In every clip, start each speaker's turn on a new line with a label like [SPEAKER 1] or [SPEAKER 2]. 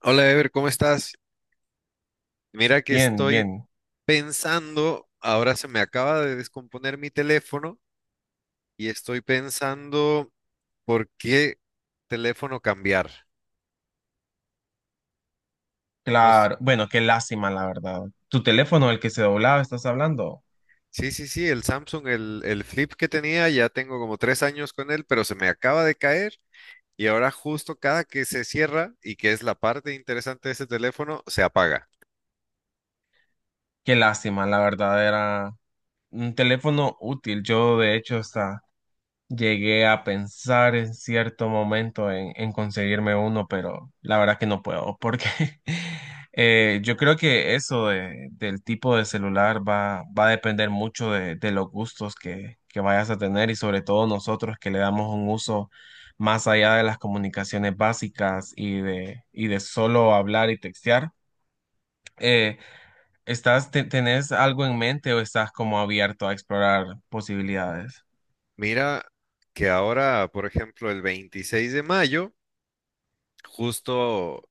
[SPEAKER 1] Hola Ever, ¿cómo estás? Mira que
[SPEAKER 2] Bien,
[SPEAKER 1] estoy
[SPEAKER 2] bien,
[SPEAKER 1] pensando, ahora se me acaba de descomponer mi teléfono y estoy pensando por qué teléfono cambiar. No s-
[SPEAKER 2] claro. Bueno, qué lástima, la verdad. Tu teléfono, el que se doblaba, estás hablando.
[SPEAKER 1] Sí, sí, sí, el Samsung, el Flip que tenía, ya tengo como tres años con él, pero se me acaba de caer y ahora justo cada que se cierra y que es la parte interesante de ese teléfono, se apaga.
[SPEAKER 2] Qué lástima, la verdad, era un teléfono útil. Yo, de hecho, hasta llegué a pensar en cierto momento en conseguirme uno, pero la verdad que no puedo, porque yo creo que del tipo de celular va a depender mucho de los gustos que vayas a tener, y sobre todo nosotros que le damos un uso más allá de las comunicaciones básicas y de solo hablar y textear. Eh, ¿Estás, tenés algo en mente o estás como abierto a explorar posibilidades?
[SPEAKER 1] Mira que ahora, por ejemplo, el 26 de mayo. Justo,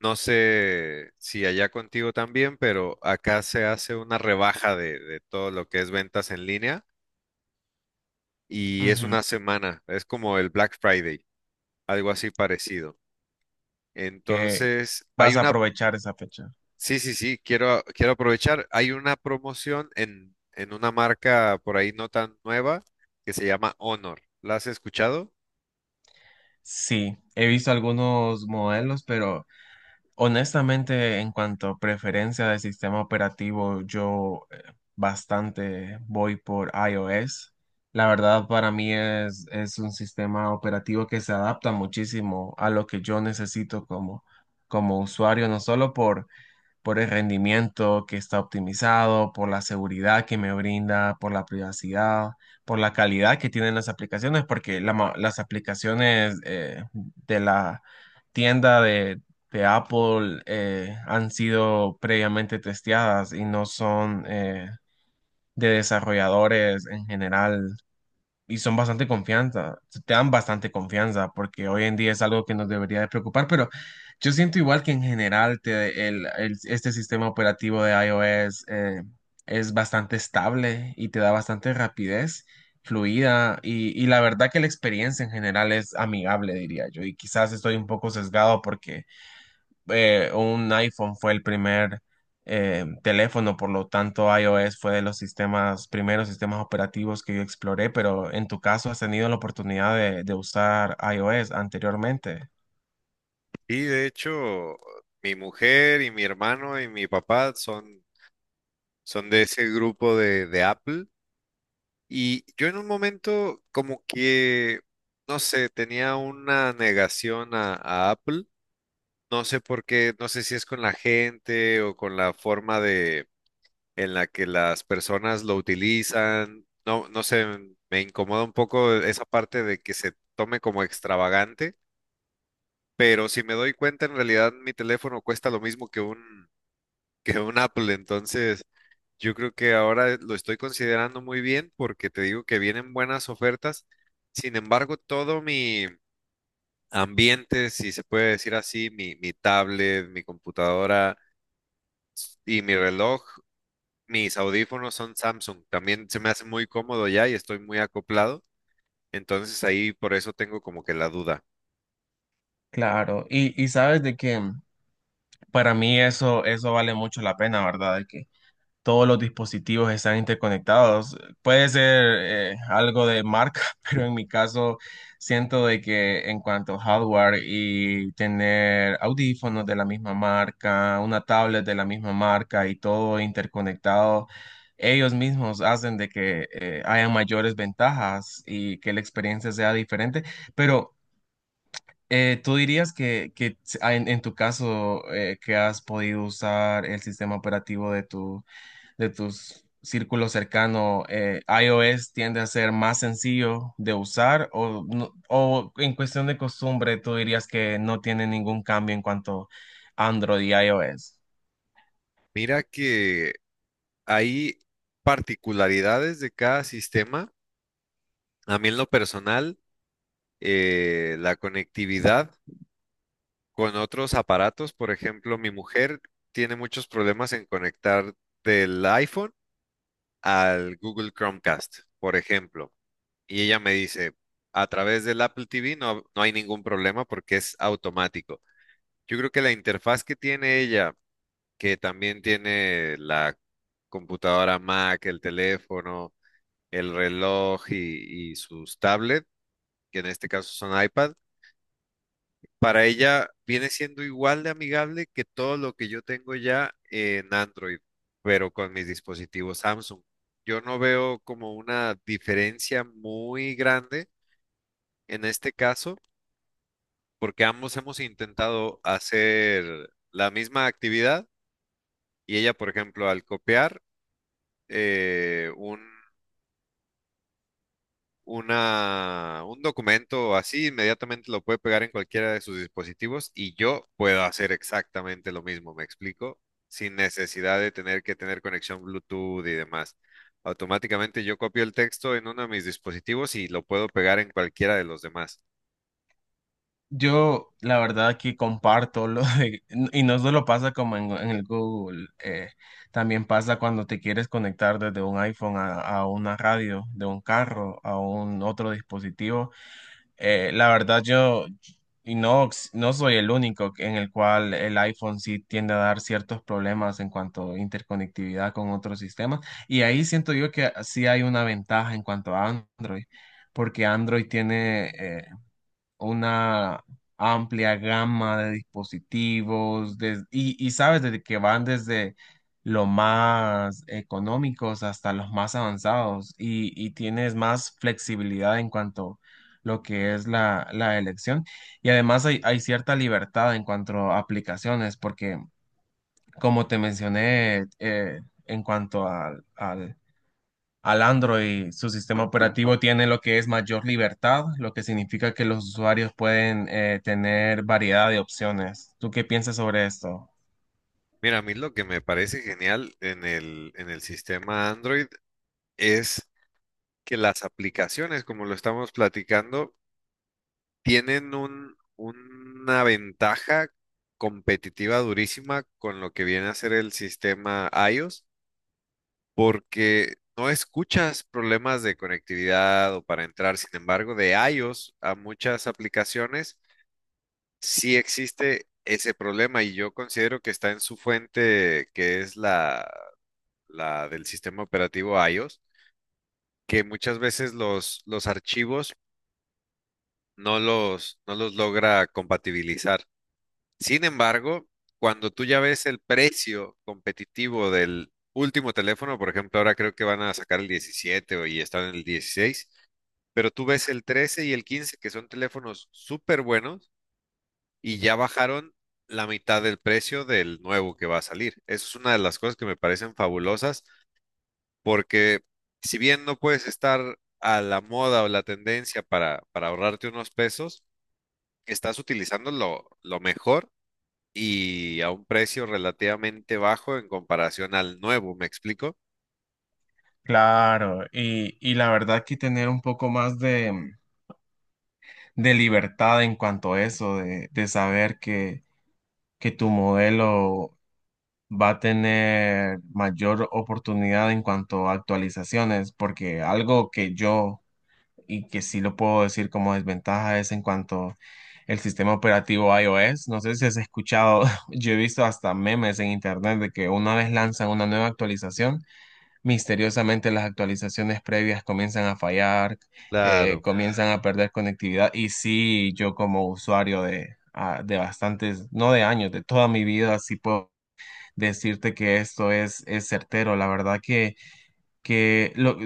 [SPEAKER 1] no sé si allá contigo también, pero acá se hace una rebaja de todo lo que es ventas en línea y es
[SPEAKER 2] Ujú.
[SPEAKER 1] una semana, es como el Black Friday, algo así parecido.
[SPEAKER 2] ¿Que
[SPEAKER 1] Entonces, hay
[SPEAKER 2] vas a
[SPEAKER 1] una,
[SPEAKER 2] aprovechar esa fecha?
[SPEAKER 1] sí, sí, sí, quiero, quiero aprovechar, hay una promoción en una marca por ahí no tan nueva que se llama Honor. ¿La has escuchado?
[SPEAKER 2] Sí, he visto algunos modelos, pero honestamente en cuanto a preferencia de sistema operativo, yo bastante voy por iOS. La verdad, para mí es un sistema operativo que se adapta muchísimo a lo que yo necesito, como usuario, no solo por el rendimiento que está optimizado, por la seguridad que me brinda, por la privacidad, por la calidad que tienen las aplicaciones, porque las aplicaciones de la tienda de Apple han sido previamente testeadas y no son de desarrolladores en general, y son bastante confianza, te dan bastante confianza, porque hoy en día es algo que nos debería de preocupar. Pero yo siento igual que, en general, este sistema operativo de iOS es bastante estable y te da bastante rapidez fluida, y la verdad que la experiencia en general es amigable, diría yo, y quizás estoy un poco sesgado porque un iPhone fue el primer teléfono, por lo tanto iOS fue de los sistemas, primeros sistemas operativos que yo exploré. Pero en tu caso, ¿has tenido la oportunidad de usar iOS anteriormente?
[SPEAKER 1] Y de hecho, mi mujer y mi hermano y mi papá son son de ese grupo de Apple. Y yo en un momento como que, no sé, tenía una negación a Apple. No sé por qué, no sé si es con la gente o con la forma de en la que las personas lo utilizan. No, no sé, me incomoda un poco esa parte de que se tome como extravagante. Pero si me doy cuenta, en realidad mi teléfono cuesta lo mismo que un Apple. Entonces, yo creo que ahora lo estoy considerando muy bien porque te digo que vienen buenas ofertas. Sin embargo, todo mi ambiente, si se puede decir así, mi tablet, mi computadora y mi reloj, mis audífonos son Samsung. También se me hace muy cómodo ya y estoy muy acoplado. Entonces ahí por eso tengo como que la duda.
[SPEAKER 2] Claro, y sabes de que para mí eso, eso vale mucho la pena, ¿verdad? De que todos los dispositivos están interconectados. Puede ser algo de marca, pero en mi caso siento de que en cuanto a hardware y tener audífonos de la misma marca, una tablet de la misma marca y todo interconectado, ellos mismos hacen de que haya mayores ventajas y que la experiencia sea diferente. Pero ¿tú dirías que en tu caso que has podido usar el sistema operativo de tu de tus círculos cercanos, iOS tiende a ser más sencillo de usar, o, o en cuestión de costumbre, tú dirías que no tiene ningún cambio en cuanto a Android y iOS?
[SPEAKER 1] Mira que hay particularidades de cada sistema. A mí en lo personal, la conectividad con otros aparatos. Por ejemplo, mi mujer tiene muchos problemas en conectar del iPhone al Google Chromecast, por ejemplo. Y ella me dice, a través del Apple TV no, no hay ningún problema porque es automático. Yo creo que la interfaz que tiene ella, que también tiene la computadora Mac, el teléfono, el reloj y sus tablets, que en este caso son iPad, para ella viene siendo igual de amigable que todo lo que yo tengo ya en Android, pero con mis dispositivos Samsung. Yo no veo como una diferencia muy grande en este caso, porque ambos hemos intentado hacer la misma actividad y ella, por ejemplo, al copiar un una, un documento así, inmediatamente lo puede pegar en cualquiera de sus dispositivos y yo puedo hacer exactamente lo mismo, ¿me explico? Sin necesidad de tener que tener conexión Bluetooth y demás. Automáticamente yo copio el texto en uno de mis dispositivos y lo puedo pegar en cualquiera de los demás.
[SPEAKER 2] Yo, la verdad, aquí comparto lo de, y no solo pasa como en el Google, también pasa cuando te quieres conectar desde un iPhone a una radio, de un carro, a un otro dispositivo. La verdad, yo y no, no soy el único en el cual el iPhone sí tiende a dar ciertos problemas en cuanto a interconectividad con otros sistemas. Y ahí siento yo que sí hay una ventaja en cuanto a Android, porque Android tiene una amplia gama de dispositivos y sabes, desde que van desde los más económicos hasta los más avanzados, y tienes más flexibilidad en cuanto lo que es la elección. Y además hay, hay cierta libertad en cuanto a aplicaciones, porque como te mencioné, en cuanto al al Android, su sistema operativo tiene lo que es mayor libertad, lo que significa que los usuarios pueden tener variedad de opciones. ¿Tú qué piensas sobre esto?
[SPEAKER 1] Mira, a mí lo que me parece genial en el sistema Android es que las aplicaciones, como lo estamos platicando, tienen una ventaja competitiva durísima con lo que viene a ser el sistema iOS, porque no escuchas problemas de conectividad o para entrar. Sin embargo, de iOS a muchas aplicaciones sí existe ese problema y yo considero que está en su fuente, que es la del sistema operativo iOS, que muchas veces los archivos no los logra compatibilizar. Sin embargo, cuando tú ya ves el precio competitivo del último teléfono, por ejemplo, ahora creo que van a sacar el 17 y están en el 16, pero tú ves el 13 y el 15, que son teléfonos súper buenos, y ya bajaron la mitad del precio del nuevo que va a salir. Eso es una de las cosas que me parecen fabulosas, porque si bien no puedes estar a la moda o la tendencia para ahorrarte unos pesos, estás utilizando lo mejor y a un precio relativamente bajo en comparación al nuevo, ¿me explico?
[SPEAKER 2] Claro, y la verdad que tener un poco más de libertad en cuanto a eso, de saber que tu modelo va a tener mayor oportunidad en cuanto a actualizaciones, porque algo que yo y que sí lo puedo decir como desventaja es en cuanto el sistema operativo iOS. No sé si has escuchado, yo he visto hasta memes en internet de que una vez lanzan una nueva actualización, misteriosamente las actualizaciones previas comienzan a fallar,
[SPEAKER 1] Claro,
[SPEAKER 2] comienzan a perder conectividad. Y sí, yo como usuario de, ah, de bastantes, no de años, de toda mi vida, sí puedo decirte que esto es certero. La verdad que lo,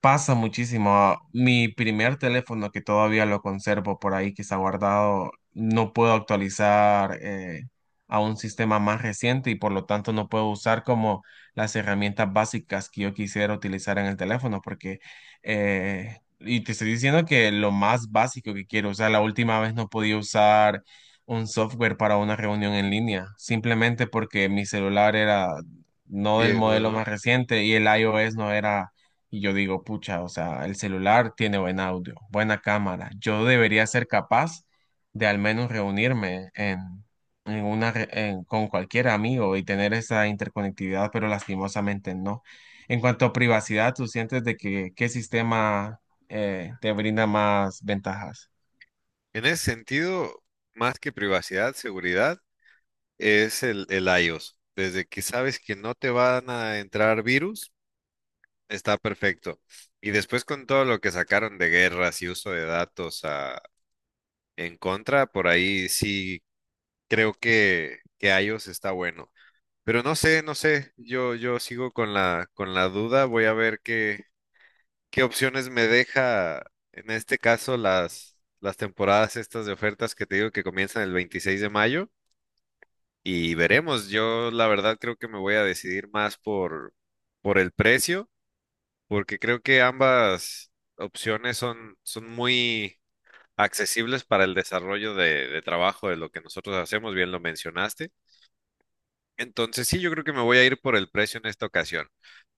[SPEAKER 2] pasa muchísimo. Mi primer teléfono, que todavía lo conservo por ahí, que está guardado, no puedo actualizar a un sistema más reciente, y por lo tanto no puedo usar como las herramientas básicas que yo quisiera utilizar en el teléfono, porque y te estoy diciendo que lo más básico que quiero usar, la última vez no podía usar un software para una reunión en línea, simplemente porque mi celular era no del
[SPEAKER 1] viejo,
[SPEAKER 2] modelo
[SPEAKER 1] ¿no?
[SPEAKER 2] más reciente y el iOS no era, y yo digo, pucha, o sea, el celular tiene buen audio, buena cámara, yo debería ser capaz de al menos reunirme en una, con cualquier amigo y tener esa interconectividad, pero lastimosamente no. En cuanto a privacidad, ¿tú sientes de que qué sistema te brinda más ventajas?
[SPEAKER 1] En ese sentido, más que privacidad, seguridad, es el iOS. Desde que sabes que no te van a entrar virus, está perfecto. Y después con todo lo que sacaron de guerras y uso de datos ah, en contra, por ahí sí creo que iOS está bueno. Pero no sé, no sé, yo sigo con con la duda, voy a ver qué, ¿qué opciones me deja en este caso las temporadas estas de ofertas que te digo que comienzan el 26 de mayo? Y veremos, yo la verdad creo que me voy a decidir más por el precio, porque creo que ambas opciones son, son muy accesibles para el desarrollo de trabajo de lo que nosotros hacemos, bien lo mencionaste. Entonces sí, yo creo que me voy a ir por el precio en esta ocasión,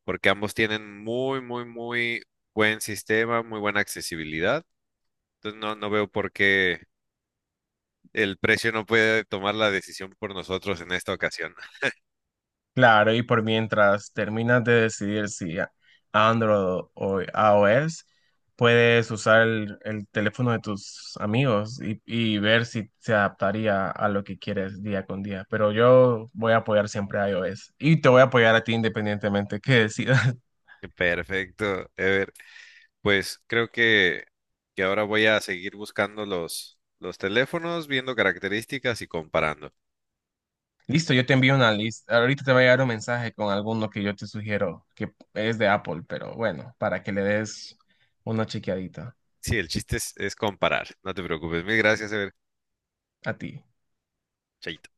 [SPEAKER 1] porque ambos tienen muy, muy, muy buen sistema, muy buena accesibilidad. Entonces no, no veo por qué el precio no puede tomar la decisión por nosotros en esta ocasión.
[SPEAKER 2] Claro, y por mientras terminas de decidir si Android o iOS, puedes usar el teléfono de tus amigos y ver si se adaptaría a lo que quieres día con día. Pero yo voy a apoyar siempre a iOS y te voy a apoyar a ti independientemente que decidas.
[SPEAKER 1] Perfecto, Ever. Pues creo que ahora voy a seguir buscando los teléfonos, viendo características y comparando.
[SPEAKER 2] Listo, yo te envío una lista. Ahorita te va a llegar un mensaje con alguno que yo te sugiero que es de Apple, pero bueno, para que le des una chequeadita
[SPEAKER 1] Sí, el chiste es comparar. No te preocupes. Mil gracias, Ever.
[SPEAKER 2] a ti.
[SPEAKER 1] Chaito.